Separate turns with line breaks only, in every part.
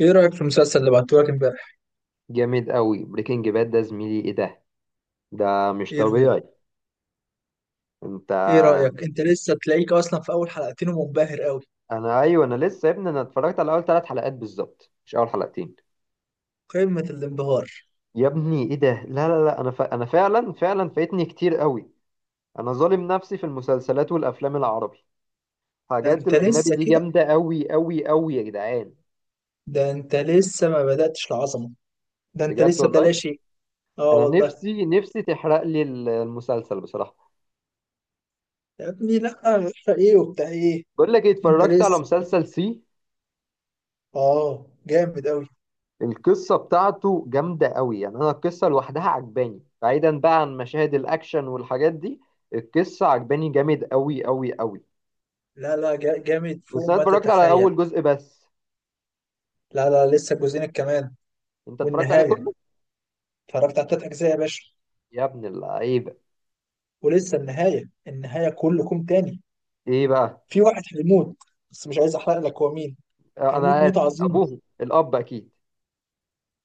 ايه رأيك في المسلسل اللي بعتهولك امبارح؟
جامد قوي، بريكنج باد ده زميلي، ايه ده؟ ده مش
ايه رأيك؟
طبيعي. انت.
ايه رأيك؟ انت لسه تلاقيك اصلا في اول حلقتين ومنبهر قوي،
انا، ايوه انا لسه يا ابني، انا اتفرجت على اول ثلاث حلقات بالظبط، مش اول حلقتين.
قمة الانبهار.
يا ابني ايه ده، لا لا لا. انا انا فعلا فايتني كتير قوي. انا ظالم نفسي في المسلسلات والافلام العربي.
ده
حاجات
انت
الاجنبي
لسه
دي
كده؟
جامده قوي قوي قوي يا جدعان.
ده انت لسه ما بدأتش العظمة، ده انت
بجد
لسه ده
والله.
لا شيء. اه
انا
والله.
نفسي تحرق لي المسلسل بصراحه.
يا ابني لا. ايه وبتاع ايه؟
بقول لك ايه،
انت
اتفرجت على
لسه،
مسلسل سي.
اه جامد قوي.
القصة بتاعته جامدة قوي، يعني أنا القصة لوحدها عجباني، بعيدا بقى عن مشاهد الأكشن والحاجات دي. القصة عجباني جامد قوي قوي قوي.
لا لا جامد
بس
فوق
أنا
ما
اتفرجت على
تتخيل.
أول جزء بس.
لا لا لسه جوزينك كمان.
أنت اتفرجت عليه
والنهاية،
كله؟
اتفرجت على تلات اجزاء يا باشا.
يا ابن اللعيبة.
ولسه النهاية، النهاية كله كوم تاني.
إيه بقى؟
في واحد هيموت، بس مش عايز احرق لك هو مين.
آه، أنا
هيموت
عارف
موتة عظيمة،
أبوه الأب أكيد.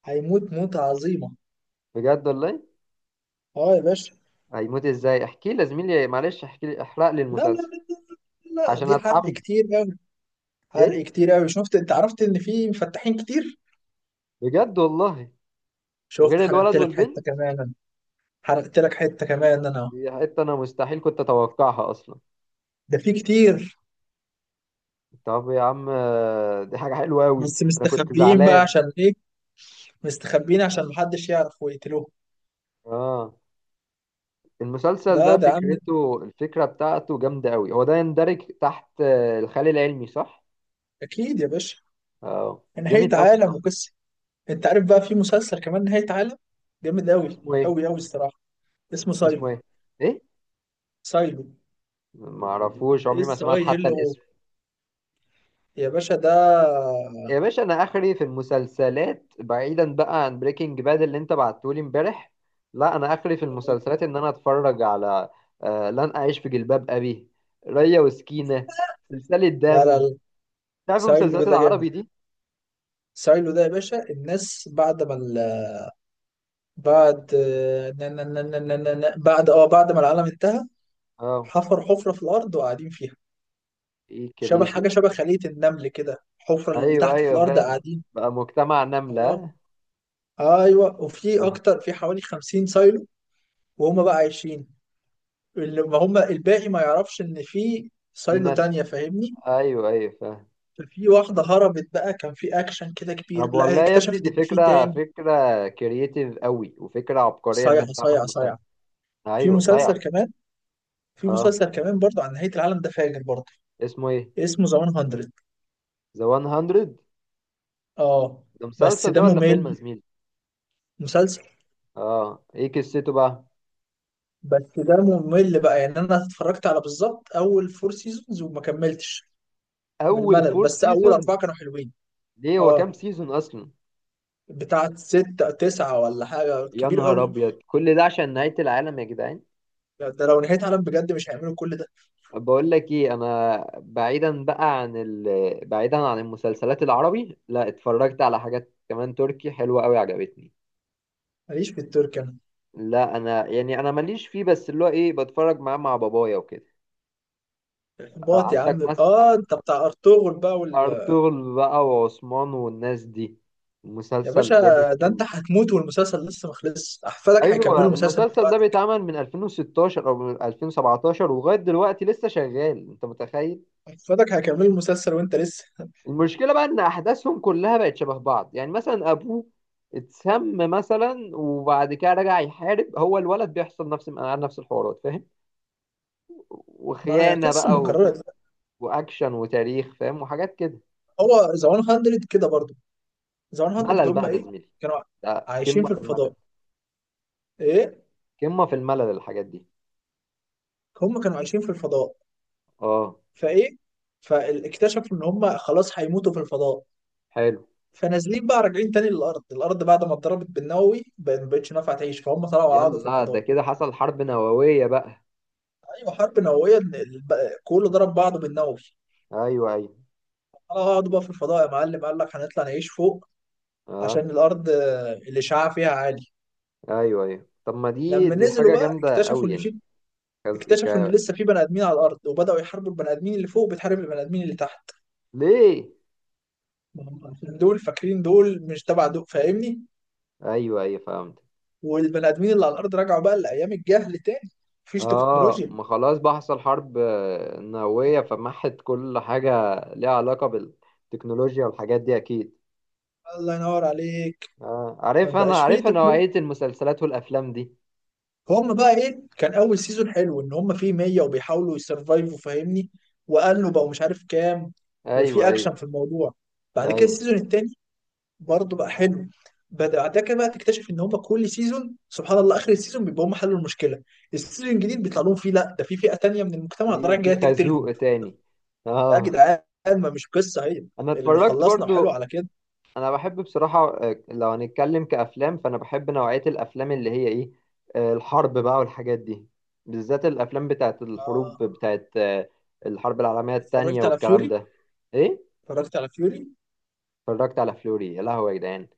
هيموت موتة عظيمة.
بجد والله.
اه يا باشا.
هيموت إزاي؟ احكي لي زميلي، معلش احكي لي، احرق لي
لا لا
المسلسل
لا، لا
عشان
دي حرق
أتحمس.
كتير قوي. حرق
إيه؟
كتير قوي، شفت؟ انت عرفت ان في مفتحين كتير.
بجد والله.
شفت،
غير
حرقت
الولد
لك حتة
والبنت.
كمان أنا. حرقت لك حتة كمان انا.
دي حتة أنا مستحيل كنت أتوقعها أصلا.
ده في كتير.
طب يا عم آه، دي حاجة حلوة أوي.
بس
أنا كنت
مستخبيين بقى
زعلان.
عشان ايه؟ مستخبيين عشان محدش يعرف ويقتلوه.
آه. المسلسل
لا
ده
ده يا عم،
فكرته، الفكرة بتاعته جامدة أوي، هو ده يندرج تحت الخيال العلمي صح؟
اكيد يا باشا.
آه
نهاية
جامد أوي
عالم
بصراحة.
وقصة. انت عارف بقى في مسلسل كمان نهاية عالم، جامد قوي
اسمه إيه؟
قوي قوي الصراحة. اسمه
اسمه
سايلنت.
إيه؟ إيه؟
سايلو.
معرفوش، عمري
اس
ما سمعت
اي ال
حتى
او.
الاسم.
يا باشا ده.
يا باشا أنا آخري في المسلسلات بعيدا بقى عن بريكنج باد اللي أنت بعتهولي إمبارح. لا أنا آخري في المسلسلات إن أنا أتفرج على آه لن أعيش في جلباب أبي، ريا وسكينة، سلسلة
لا لا
دم.
لا.
تعرف
سايلو
المسلسلات
ده جامد.
العربي دي.
سايلو ده يا باشا، الناس بعد ما ال... بعد نا- نا- نا- نا- نا- نا- نا- بعد ما العالم انتهى
اه،
حفر حفرة في الأرض وقاعدين فيها.
ايه
شبه
كرييتيف.
حاجة شبه خلية النمل كده، حفرة اللي
ايوه
تحت في
ايوه
الأرض
فعلا.
قاعدين.
بقى مجتمع
اه.
نملة.
ايوه، وفي
آه.
أكتر، في حوالي 50 سايلو. وهم بقى عايشين. اللي ما هم الباقي ما يعرفش إن في
في
سايلو
ناس.
تانية، فاهمني؟
ايوه ايوه فاهم.
ففي واحدة هربت بقى، كان في أكشن كده كبير،
طب
لا
والله يا ابني
اكتشفت
دي
إن في
فكرة،
تاني.
فكرة كرييتيف قوي، وفكرة عبقرية ان
صايعة
انت
صايعة
تعمل مسلسل.
صايعة. في
ايوه صحيح.
مسلسل كمان. في
اه.
مسلسل كمان برضه عن نهاية العالم، ده فاجر برضه.
اسمه ايه؟
اسمه ذا 100.
ذا 100.
اه.
ده
بس
مسلسل
ده
ده ولا فيلم يا
ممل.
زميلي؟
مسلسل.
اه. ايه قصته بقى؟
بس ده ممل بقى، يعني أنا اتفرجت على بالظبط أول فور سيزونز وما كملتش من
اول
الملل،
فور
بس أول
سيزونز.
أربعة كانوا حلوين.
ليه، هو كام
اه.
سيزون اصلا؟
بتاعت ستة، تسعة، ولا حاجة
يا
كبير
نهار
قوي.
ابيض، كل ده عشان نهاية العالم يا جدعان.
ده لو نهاية عالم بجد مش هيعملوا كل ده.
بقول لك ايه، انا بعيدا بقى عن بعيدا عن المسلسلات العربي، لا اتفرجت على حاجات كمان تركي حلوة قوي عجبتني.
ماليش في التركي.
لا انا يعني انا ماليش فيه، بس اللي هو ايه، بتفرج معاه مع بابايا وكده.
موت يا
عندك
عم.
مثلا
اه، انت بتاع ارطغرل بقى
ارطغرل بقى وعثمان والناس دي،
يا
مسلسل
باشا.
جامد
ده انت
قوي.
هتموت والمسلسل لسه ما خلصش، احفادك
ايوه
هيكملوا المسلسل من
المسلسل ده
بعدك.
بيتعمل من 2016 او من 2017 ولغايه دلوقتي لسه شغال، انت متخيل.
احفادك هيكملوا المسلسل وانت لسه.
المشكلة بقى إن أحداثهم كلها بقت شبه بعض، يعني مثلا أبوه اتسم مثلا وبعد كده رجع يحارب، هو الولد بيحصل نفس الحوارات فاهم،
ما
وخيانة
قصه
بقى
مكرره.
وأكشن وتاريخ، فاهم، وحاجات كده.
هو ذا 100 كده برضه. ذا 100.
ملل
هم
بقى ده
ايه.
زميلي،
كانوا
ده
عايشين
قمة
في
في الملل،
الفضاء. ايه.
قمة في الملل الحاجات دي.
هم كانوا عايشين في الفضاء،
اه.
فايه، فاكتشفوا ان هم خلاص هيموتوا في الفضاء،
حلو.
فنازلين بقى راجعين تاني للارض. الارض بعد ما اتضربت بالنووي ما بقتش نافعه تعيش، فهم طلعوا قعدوا في
يلا، ده
الفضاء.
كده حصل حرب نووية بقى.
ايوه حرب نوويه، إن كله ضرب بعضه بالنووي.
أيوه أيوه.
هقعدوا بقى في الفضاء يا معلم، قال لك هنطلع نعيش فوق
اه.
عشان الارض الاشعاع فيها عالي.
أيوه أيوه، طب ما دي
لما
دي
نزلوا
حاجة
بقى
جامدة
اكتشفوا
أوي
ان
يعني.
في،
كز...
اكتشفوا ان
ك...
لسه في بني ادمين على الارض، وبداوا يحاربوا البني ادمين اللي فوق بتحارب البني ادمين اللي تحت.
ليه؟
ما هم عشان دول فاكرين دول مش تبع دول، فاهمني؟
أيوه أيوه فهمت.
والبني ادمين اللي على الارض رجعوا بقى لايام الجهل تاني. مفيش
اه،
تكنولوجيا.
ما خلاص بقى حصل حرب آه، نووية، فمحت كل حاجة ليها علاقة بالتكنولوجيا والحاجات دي أكيد.
الله ينور عليك.
اه
ما
عارف، أنا
بقاش فيه
عارف
تكنولوجيا.
نوعية المسلسلات والأفلام دي.
فهم بقى ايه، كان اول سيزون حلو ان هم فيه 100 وبيحاولوا يسرفايفوا، فاهمني؟ وقالوا بقوا مش عارف كام، وفي
أيوه
اكشن
أيوه.
في الموضوع. بعد كده
أيوه،
السيزون التاني برضه بقى حلو. بعد كده بقى تكتشف ان هم كل سيزون سبحان الله اخر السيزون بيبقى هم حلوا المشكله، السيزون الجديد بيطلع لهم فيه لا ده في فئه تانيه من المجتمع
في
طالعه
في
جايه تقتلهم.
خازوق تاني.
يا
اه.
جدعان. ما مش قصه هي
أنا
اللي
اتفرجت
خلصنا وحلو
برضو.
على كده.
أنا بحب بصراحة آه، لو هنتكلم كأفلام، فأنا بحب نوعية الأفلام اللي هي إيه، آه، الحرب بقى والحاجات دي، بالذات الأفلام بتاعت
آه،
الحروب بتاعت آه، الحرب العالمية التانية
اتفرجت على
والكلام
فيوري.
ده. إيه.
اتفرجت على فيوري.
اتفرجت على فلوري، يا لهوي يا جدعان.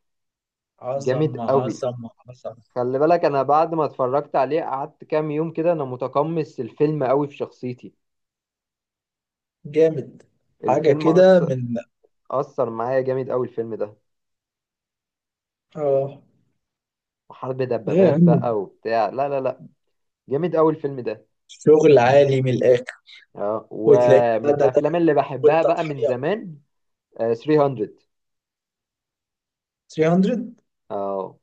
جامد
عظمه
قوي.
عظمه عظمه.
خلي بالك انا بعد ما اتفرجت عليه قعدت كام يوم كده انا متقمص الفيلم قوي في شخصيتي.
جامد. حاجة
الفيلم
كده
أثر.
من.
أثر معايا جامد قوي الفيلم ده.
اه.
وحرب
لا يا
دبابات
عم.
بقى وبتاع، لا لا لا، جامد قوي الفيلم ده.
شغل عالي من الآخر.
اه،
وتلاقي
ومن
ده
الافلام
داخل،
اللي بحبها بقى من
والتضحية.
زمان آه 300.
300.
اه،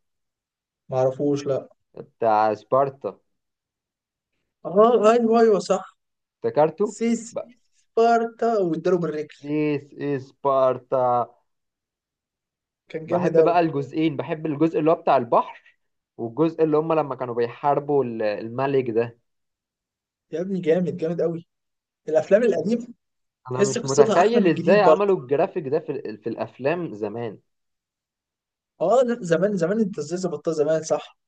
معرفوش لا.
بتاع سبارتا،
اه ايوه ايوه صح.
افتكرته
سيسي.
بقى،
سبارتا واداله بالرجل.
ديس از سبارتا.
كان جامد
بحب
أوي.
بقى الجزئين، بحب الجزء اللي هو بتاع البحر، والجزء اللي هم لما كانوا بيحاربوا الملك ده.
يا ابني جامد جامد أوي. الأفلام القديمة
انا
تحس
مش
قصتها أحلى من
متخيل ازاي
الجديد برضه.
عملوا الجرافيك ده في الافلام زمان.
اه، لا زمان زمان، أنت إزاي ظبطتها زمان، صح.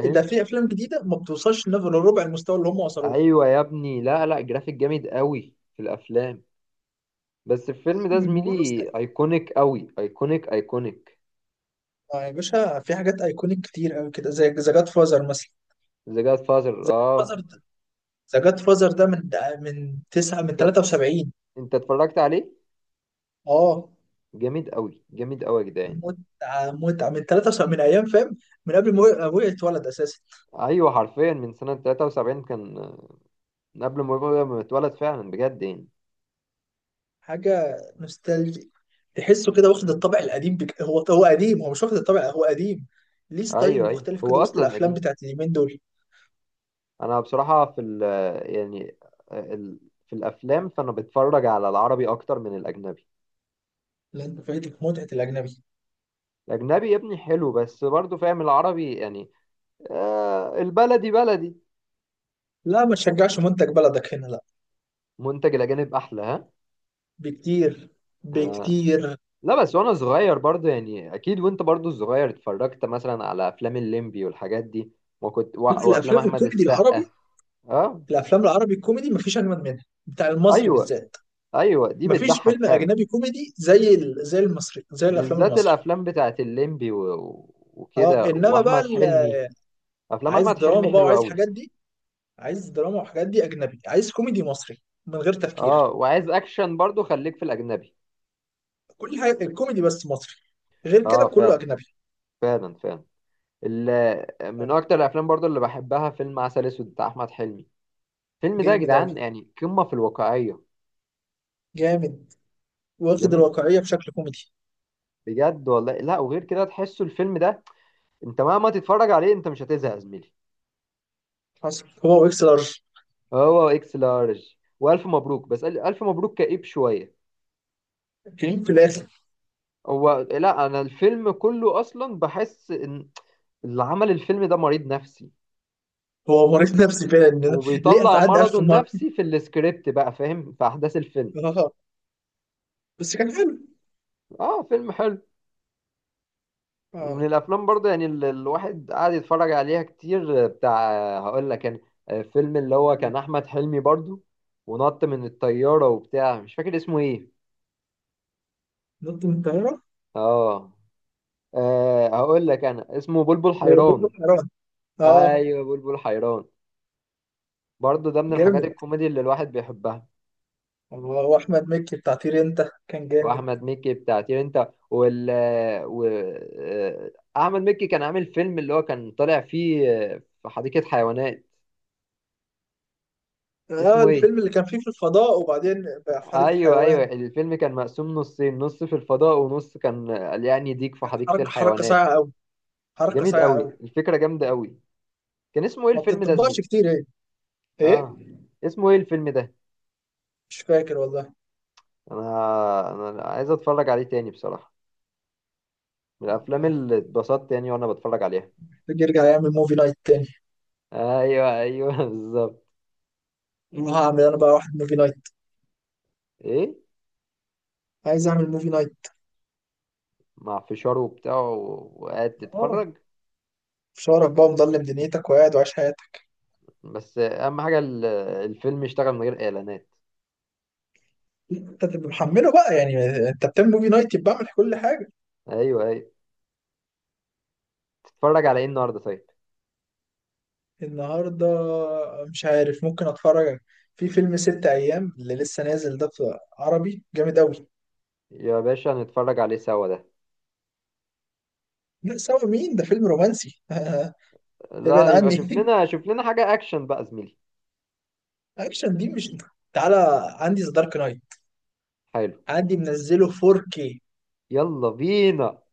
ده في أفلام جديدة ما بتوصلش لنفس ربع المستوى اللي هم وصلوه.
ايوه يا ابني، لا لا، جرافيك جامد قوي في الافلام. بس الفيلم ده
له.
زميلي ايكونيك قوي، ايكونيك ايكونيك.
آه يا باشا، في حاجات ايكونيك كتير قوي كده زي ذا جاد فازر مثلا.
ذا جاد فازر،
ذا جاد
اه.
فازر ده ذا جاد فازر ده من تسعة من
انت،
73.
انت اتفرجت عليه؟
اه.
جامد قوي، جامد قوي يا جدعان.
متعة متعة من 73، من ايام، فاهم. من قبل ما ابويا يتولد اساسا.
ايوه حرفيا من سنة 73 كان، من قبل ما ما يتولد فعلا بجد يعني.
حاجة نوستالجي، تحسه كده واخد الطابع القديم هو قديم، هو مش واخد الطابع، هو قديم. ليه ستايل
ايوه ايوه،
مختلف
هو
كده وسط
اصلا
الافلام
قديم.
بتاعت اليومين دول.
انا بصراحه في ال يعني ال في الافلام فانا بتفرج على العربي اكتر من الاجنبي.
لا انت فايتك متعة الاجنبي.
الاجنبي يا ابني حلو، بس برضو فاهم، العربي يعني، آه البلدي بلدي.
لا ما تشجعش منتج بلدك هنا، لا.
منتج الاجانب احلى ها.
بكتير بكتير.
لا بس وانا صغير برضو يعني، اكيد وانت برضو صغير اتفرجت مثلا على افلام الليمبي والحاجات دي. وكنت وافلام
الافلام
احمد
الكوميدي
السقا.
العربي.
اه.
الافلام العربي الكوميدي مفيش اجمد منها، بتاع المصري
ايوه
بالذات.
ايوه، دي
مفيش
بتضحك
فيلم
فعلا.
اجنبي كوميدي زي المصري، زي الافلام
بالذات
المصري.
الافلام بتاعت الليمبي
اه
وكده،
انما بقى
واحمد حلمي. افلام
عايز
احمد حلمي
دراما بقى
حلوه
وعايز
قوي.
حاجات دي. عايز دراما وحاجات دي اجنبي، عايز كوميدي مصري من غير
اه،
تفكير.
وعايز اكشن برضو خليك في الاجنبي.
كل حاجه الكوميدي بس مصري. غير كده
اه
كله
فعلا،
اجنبي.
فعلا فعلا. ال-
آه،
من اكتر الافلام برضو اللي بحبها فيلم عسل اسود بتاع احمد حلمي. الفيلم ده يا
جامد اوي.
جدعان يعني قمه في الواقعيه.
جامد. واخد
جميل.
الواقعيه بشكل كوميدي.
بجد والله، لا وغير كده تحسوا الفيلم ده، انت مهما تتفرج عليه انت مش هتزهق يا زميلي.
حصل هو واكس لارج.
هو اكس لارج، والف مبروك، بس الف مبروك كئيب شويه.
كريم في الاخر.
هو لا، انا الفيلم كله اصلا بحس ان اللي عمل الفيلم ده مريض نفسي،
هو مريض نفسي فعلا، إن ليه
وبيطلع
اتعدى
مرضه
1000 مره.
النفسي في السكريبت بقى، فاهم، في احداث الفيلم.
اه. بس كان حلو.
اه فيلم حلو.
اه.
ومن الافلام برضه يعني الواحد قاعد يتفرج عليها كتير آه، بتاع آه، هقول لك، كان فيلم اللي هو كان احمد حلمي برضه، ونط من الطياره وبتاع، مش فاكر اسمه ايه.
نط من الطياره.
اه. آه هقول لك، انا اسمه بلبل
بوب
حيران.
حيران. اه.
ايوه بلبل حيران، برضه ده من الحاجات
جامد.
الكوميدي اللي الواحد بيحبها.
الله، واحمد مكي بتاع طير انت كان جامد.
واحمد مكي بتاع طير انت و... آه، احمد مكي كان عامل فيلم اللي هو كان طالع فيه آه، في حديقة حيوانات.
اه
اسمه ايه؟
الفيلم اللي كان فيه في الفضاء وبعدين بقى في حديقة
ايوه ايوه،
حيوان.
الفيلم كان مقسوم نصين، نص في الفضاء ونص كان آه، يعني ديك في
كانت
حديقة
حركة، حركة
الحيوانات.
صايعة قوي، حركة
جميل
صايعة
قوي،
قوي.
الفكرة جامدة قوي. كان اسمه ايه
ما
الفيلم ده
بتطبقش
زميلي؟
كتير، ايه؟ ايه؟
اه. اسمه ايه الفيلم ده؟
مش فاكر والله.
انا، انا عايز اتفرج عليه تاني بصراحة، من الافلام
آه،
اللي اتبسطت يعني وانا بتفرج عليها.
تيجي يرجع يعمل موفي نايت تاني.
ايوه ايوه بالظبط.
والله هعمل انا بقى واحد موفي نايت.
ايه.
عايز اعمل موفي نايت.
مع فشاره وبتاع، وقاعد
اه،
تتفرج.
مش هعرف بقى مضلم دنيتك وقاعد وعايش حياتك.
بس اهم حاجه، الفيلم يشتغل من غير اعلانات.
انت تبقى محمله بقى يعني. انت بتعمل موفي نايت يبقى اعمل كل حاجة.
ايوه ايوه. تتفرج على ايه النهارده طيب؟
النهارده، مش عارف، ممكن اتفرج. في فيلم ست ايام اللي لسه نازل ده في عربي جامد قوي.
يا باشا هنتفرج عليه سوا ده.
لا سوا مين ده فيلم رومانسي. ابعد
لا يبقى شوف
عني.
لنا، شوف لنا حاجه اكشن بقى زميلي.
اكشن دي مش. تعالى. عندي ذا دارك نايت.
حلو.
عندي منزله 4K.
يلا بينا.